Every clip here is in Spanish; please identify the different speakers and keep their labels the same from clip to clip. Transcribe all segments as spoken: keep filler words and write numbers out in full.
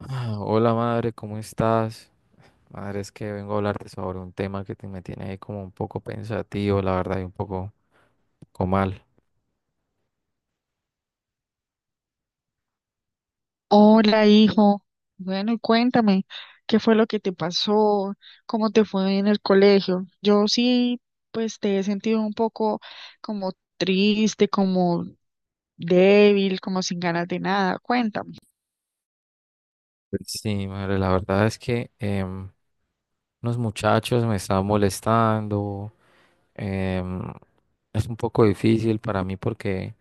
Speaker 1: Ah, Hola, madre, ¿cómo estás? Madre, es que vengo a hablarte sobre un tema que te, me tiene ahí como un poco pensativo, la verdad, y un poco, poco mal.
Speaker 2: Hola, hijo. Bueno, y cuéntame, ¿qué fue lo que te pasó? ¿Cómo te fue en el colegio? Yo sí, pues te he sentido un poco como triste, como débil, como sin ganas de nada. Cuéntame.
Speaker 1: Pues sí, madre, la verdad es que em, unos muchachos me están molestando. em, es un poco difícil para mí porque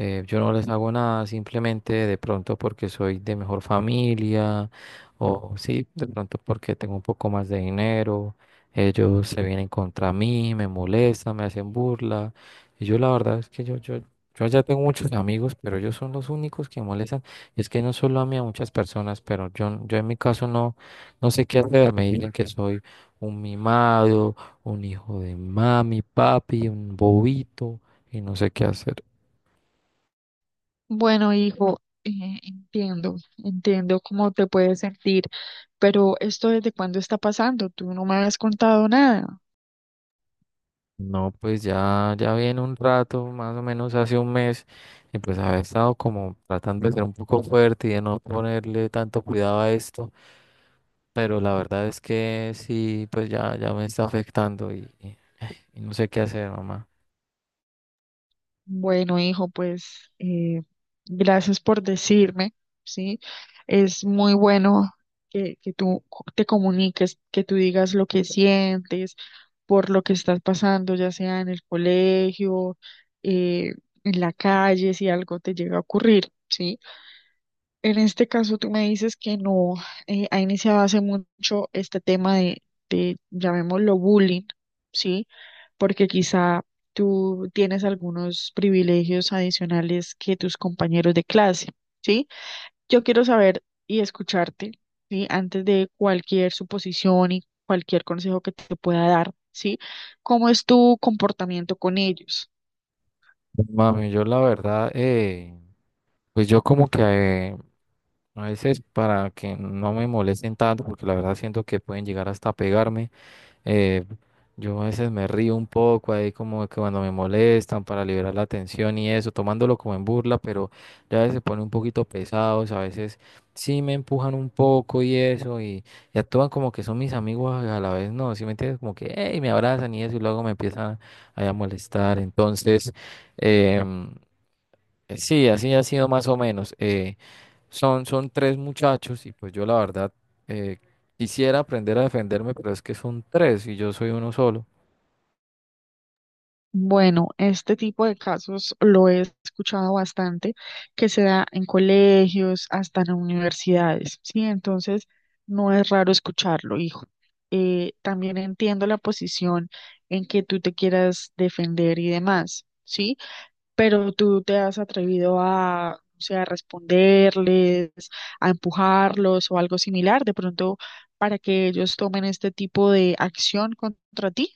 Speaker 1: Eh, yo no les hago nada, simplemente de pronto porque soy de mejor familia o sí, de pronto porque tengo un poco más de dinero. Ellos se vienen contra mí, me molestan, me hacen burla. Y yo la verdad es que yo, yo, yo ya tengo muchos amigos, pero ellos son los únicos que molestan. Y es que no solo a mí, a muchas personas, pero yo, yo en mi caso no, no sé qué hacer. Me dicen que soy un mimado, un hijo de mami, papi, un bobito, y no sé qué hacer.
Speaker 2: Bueno, hijo, eh, entiendo, entiendo cómo te puedes sentir, pero ¿esto desde cuándo está pasando? Tú no me has contado nada.
Speaker 1: No, pues ya, ya viene un rato, más o menos hace un mes, y pues había estado como tratando de ser un poco fuerte y de no ponerle tanto cuidado a esto, pero la verdad es que sí, pues ya, ya me está afectando y, y- y no sé qué hacer, mamá.
Speaker 2: Bueno, hijo, pues eh, gracias por decirme, ¿sí? Es muy bueno que, que tú co- te comuniques, que tú digas lo que sientes por lo que estás pasando, ya sea en el colegio, eh, en la calle, si algo te llega a ocurrir, ¿sí? En este caso, tú me dices que no eh, ha iniciado hace mucho este tema de, de, llamémoslo bullying, ¿sí? Porque quizá tú tienes algunos privilegios adicionales que tus compañeros de clase, ¿sí? Yo quiero saber y escucharte, ¿sí? Antes de cualquier suposición y cualquier consejo que te pueda dar, ¿sí? ¿Cómo es tu comportamiento con ellos?
Speaker 1: Mami, yo la verdad, eh, pues yo como que eh, a veces para que no me molesten tanto, porque la verdad siento que pueden llegar hasta pegarme. Eh, yo a veces me río un poco ahí como que cuando me molestan, para liberar la tensión y eso, tomándolo como en burla, pero ya a veces se ponen un poquito pesados, a veces sí me empujan un poco y eso, y, y actúan como que son mis amigos a la vez, ¿no?, ¿si me entiendes? Como que "Ey", me abrazan y eso, y luego me empiezan ahí a molestar. Entonces, em, sí, así ha sido más o menos. Eh, son, son tres muchachos, y pues yo la verdad eh, quisiera aprender a defenderme, pero es que son tres y yo soy uno solo.
Speaker 2: Bueno, este tipo de casos lo he escuchado bastante, que se da en colegios, hasta en universidades, ¿sí? Entonces, no es raro escucharlo, hijo. Eh, también entiendo la posición en que tú te quieras defender y demás, ¿sí? Pero tú te has atrevido a, o sea, a responderles, a empujarlos o algo similar, de pronto, para que ellos tomen este tipo de acción contra ti.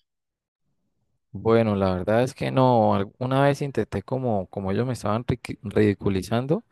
Speaker 1: Bueno, la verdad es que no, alguna vez intenté, como, como ellos me estaban riqui- ridiculizando,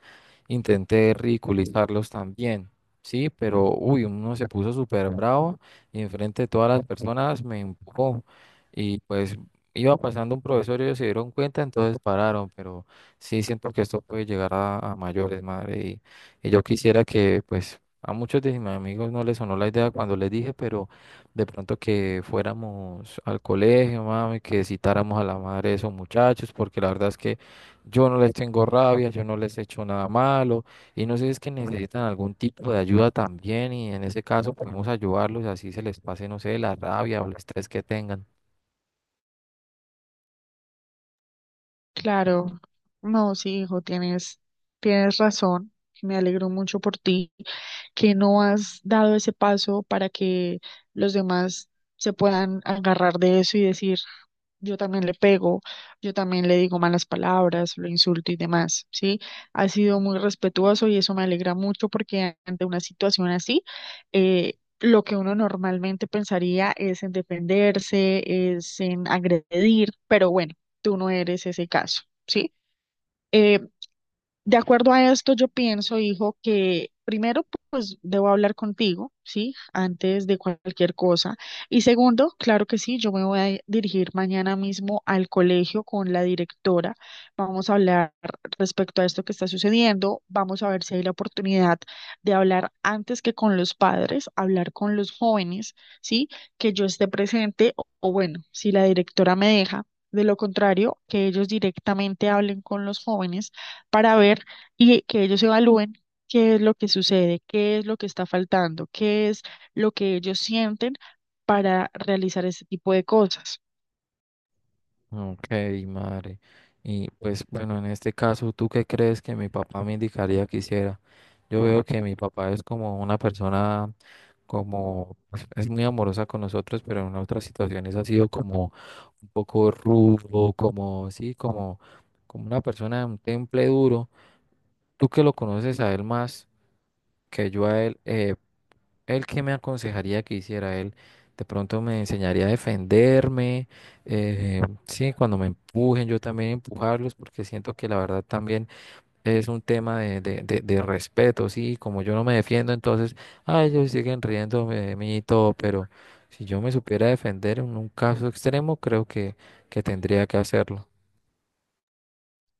Speaker 1: intenté ridiculizarlos también, sí, pero uy, uno se puso súper bravo y enfrente de todas las personas me empujó, y pues iba pasando un profesor y ellos se dieron cuenta, entonces pararon, pero sí siento que esto puede llegar a, a mayores, madre, y, y yo quisiera que pues a muchos de mis amigos no les sonó la idea cuando les dije, pero de pronto que fuéramos al colegio, mami, que citáramos a la madre de esos muchachos, porque la verdad es que yo no les tengo rabia, yo no les he hecho nada malo, y no sé si es que necesitan algún tipo de ayuda también, y en ese caso podemos ayudarlos así se les pase, no sé, la rabia o el estrés que tengan.
Speaker 2: Claro, no, sí, hijo, tienes, tienes razón. Me alegro mucho por ti, que no has dado ese paso para que los demás se puedan agarrar de eso y decir, yo también le pego, yo también le digo malas palabras, lo insulto y demás, ¿sí? Ha sido muy respetuoso y eso me alegra mucho porque ante una situación así, eh, lo que uno normalmente pensaría es en defenderse, es en agredir, pero bueno, tú no eres ese caso, ¿sí? Eh, de acuerdo a esto, yo pienso, hijo, que primero, pues debo hablar contigo, ¿sí? Antes de cualquier cosa. Y segundo, claro que sí, yo me voy a dirigir mañana mismo al colegio con la directora. Vamos a hablar respecto a esto que está sucediendo. Vamos a ver si hay la oportunidad de hablar antes que con los padres, hablar con los jóvenes, ¿sí? Que yo esté presente o o bueno, si la directora me deja. De lo contrario, que ellos directamente hablen con los jóvenes para ver y que ellos evalúen qué es lo que sucede, qué es lo que está faltando, qué es lo que ellos sienten para realizar este tipo de cosas.
Speaker 1: Ok, madre. Y pues bueno, en este caso, ¿tú qué crees que mi papá me indicaría que hiciera? Yo veo que mi papá es como una persona, como, pues, es muy amorosa con nosotros, pero en otras situaciones ha sido como un poco rudo, como, sí, como, como una persona de un temple duro. Tú que lo conoces a él más que yo a él, eh, ¿él qué me aconsejaría que hiciera? Él de pronto me enseñaría a defenderme, eh, sí, cuando me empujen, yo también empujarlos, porque siento que la verdad también es un tema de, de, de, de respeto, sí, como yo no me defiendo, entonces, ah, ellos siguen riéndome de mí y todo, pero si yo me supiera defender, en un caso extremo, creo que, que tendría que hacerlo.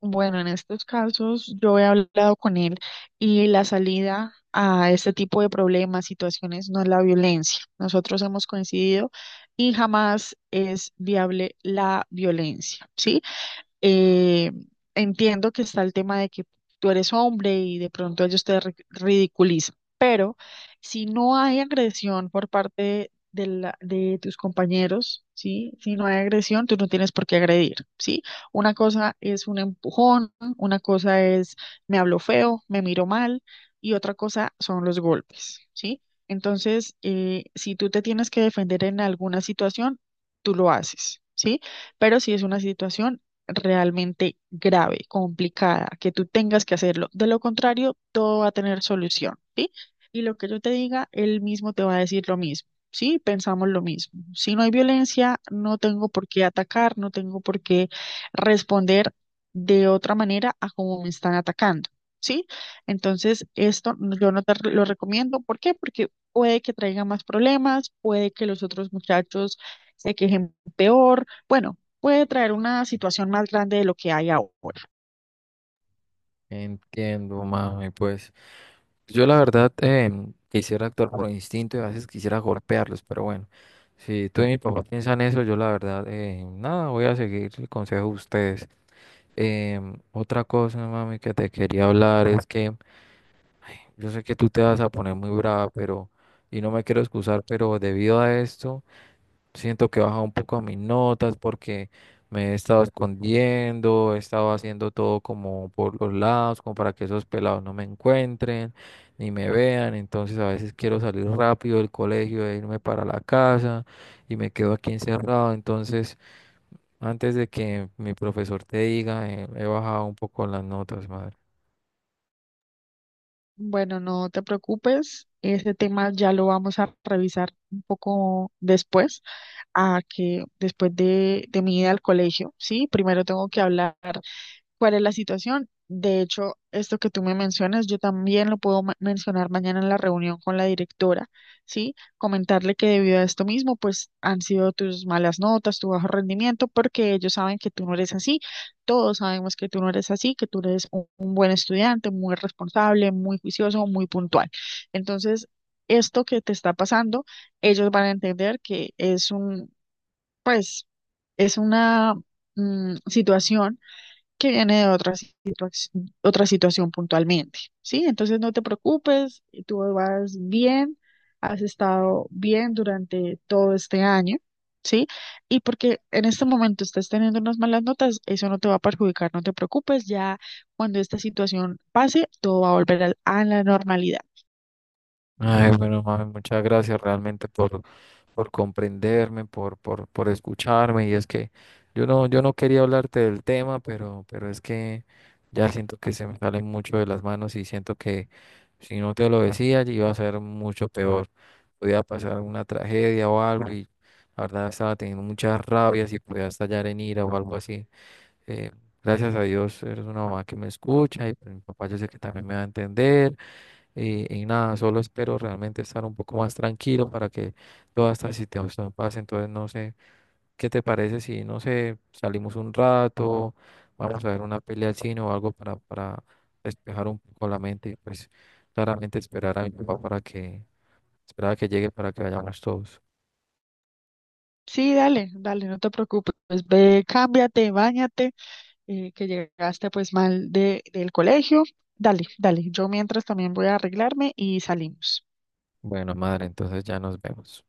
Speaker 2: Bueno, en estos casos yo he hablado con él y la salida a este tipo de problemas, situaciones, no es la violencia. Nosotros hemos coincidido y jamás es viable la violencia, ¿sí? Eh, entiendo que está el tema de que tú eres hombre y de pronto ellos te ri- ridiculizan, pero si no hay agresión por parte de, la- de tus compañeros, ¿sí? Si no hay agresión, tú no tienes por qué agredir, ¿sí? Una cosa es un empujón, una cosa es me hablo feo, me miro mal y otra cosa son los golpes, ¿sí? Entonces, eh, si tú te tienes que defender en alguna situación, tú lo haces, ¿sí? Pero si es una situación realmente grave, complicada, que tú tengas que hacerlo. De lo contrario, todo va a tener solución, ¿sí? Y lo que yo te diga, él mismo te va a decir lo mismo, ¿sí? Pensamos lo mismo. Si no hay violencia, no tengo por qué atacar, no tengo por qué responder de otra manera a cómo me están atacando, ¿sí? Entonces, esto no- yo no te re- lo recomiendo. ¿Por qué? Porque puede que traiga más problemas, puede que los otros muchachos se quejen peor. Bueno, puede traer una situación más grande de lo que hay ahora.
Speaker 1: Entiendo, mami, pues. Yo la verdad, eh, quisiera actuar por instinto y a veces quisiera golpearlos, pero bueno, si tú y mi papá piensan eso, yo la verdad, eh, nada, voy a seguir el consejo de ustedes. Em, otra cosa, mami, que te quería hablar es que ay, yo sé que tú te vas a poner muy brava, pero, y no me quiero excusar, pero debido a esto... Siento que he bajado un poco mis notas porque me he estado escondiendo, he estado haciendo todo como por los lados, como para que esos pelados no me encuentren ni me vean. Entonces a veces quiero salir rápido del colegio e irme para la casa y me quedo aquí encerrado. Entonces, antes de que mi profesor te diga, eh, he bajado un poco las notas, madre.
Speaker 2: Bueno, no te preocupes, ese tema ya lo vamos a revisar un poco después, a que después de, de mi ida al colegio, ¿sí? Primero tengo que hablar cuál es la situación. De hecho, esto que tú me mencionas, yo también lo puedo ma- mencionar mañana en la reunión con la directora, ¿sí? Comentarle que debido a esto mismo, pues han sido tus malas notas, tu bajo rendimiento, porque ellos saben que tú no eres así, todos sabemos que tú no eres así, que tú eres un, un buen estudiante, muy responsable, muy juicioso, muy puntual. Entonces, esto que te está pasando, ellos van a entender que es un, pues, es una mm, situación que viene de otra situación, otra situación puntualmente, ¿sí? Entonces no te preocupes, tú vas bien, has estado bien durante todo este año, ¿sí? Y porque en este momento estás teniendo unas malas notas, eso no te va a perjudicar, no te preocupes, ya cuando esta situación pase, todo va a volver al- a la normalidad.
Speaker 1: Ay, bueno, mami, muchas gracias realmente por por comprenderme, por, por, por escucharme. Y es que yo no, yo no quería hablarte del tema, pero, pero es que ya siento que se me salen mucho de las manos, y siento que si no te lo decía, iba a ser mucho peor. Podía pasar una tragedia o algo, y la verdad estaba teniendo muchas rabias y podía estallar en ira o algo así. Eh, Gracias a Dios eres una mamá que me escucha, y pues mi papá yo sé que también me va a entender. Y, y nada, solo espero realmente estar un poco más tranquilo para que todas estas situaciones pasen. Entonces, no sé, ¿qué te parece si, no sé, salimos un rato, vamos a ver una pelea al cine o algo, para, para despejar un poco la mente, y pues claramente esperar a mi papá para que, esperar a que llegue para que vayamos todos?
Speaker 2: Sí, dale, dale, no te preocupes, ve, cámbiate, báñate eh, que llegaste pues mal de, del colegio. Dale, dale. Yo mientras también voy a arreglarme y salimos.
Speaker 1: Bueno, madre, entonces ya nos vemos.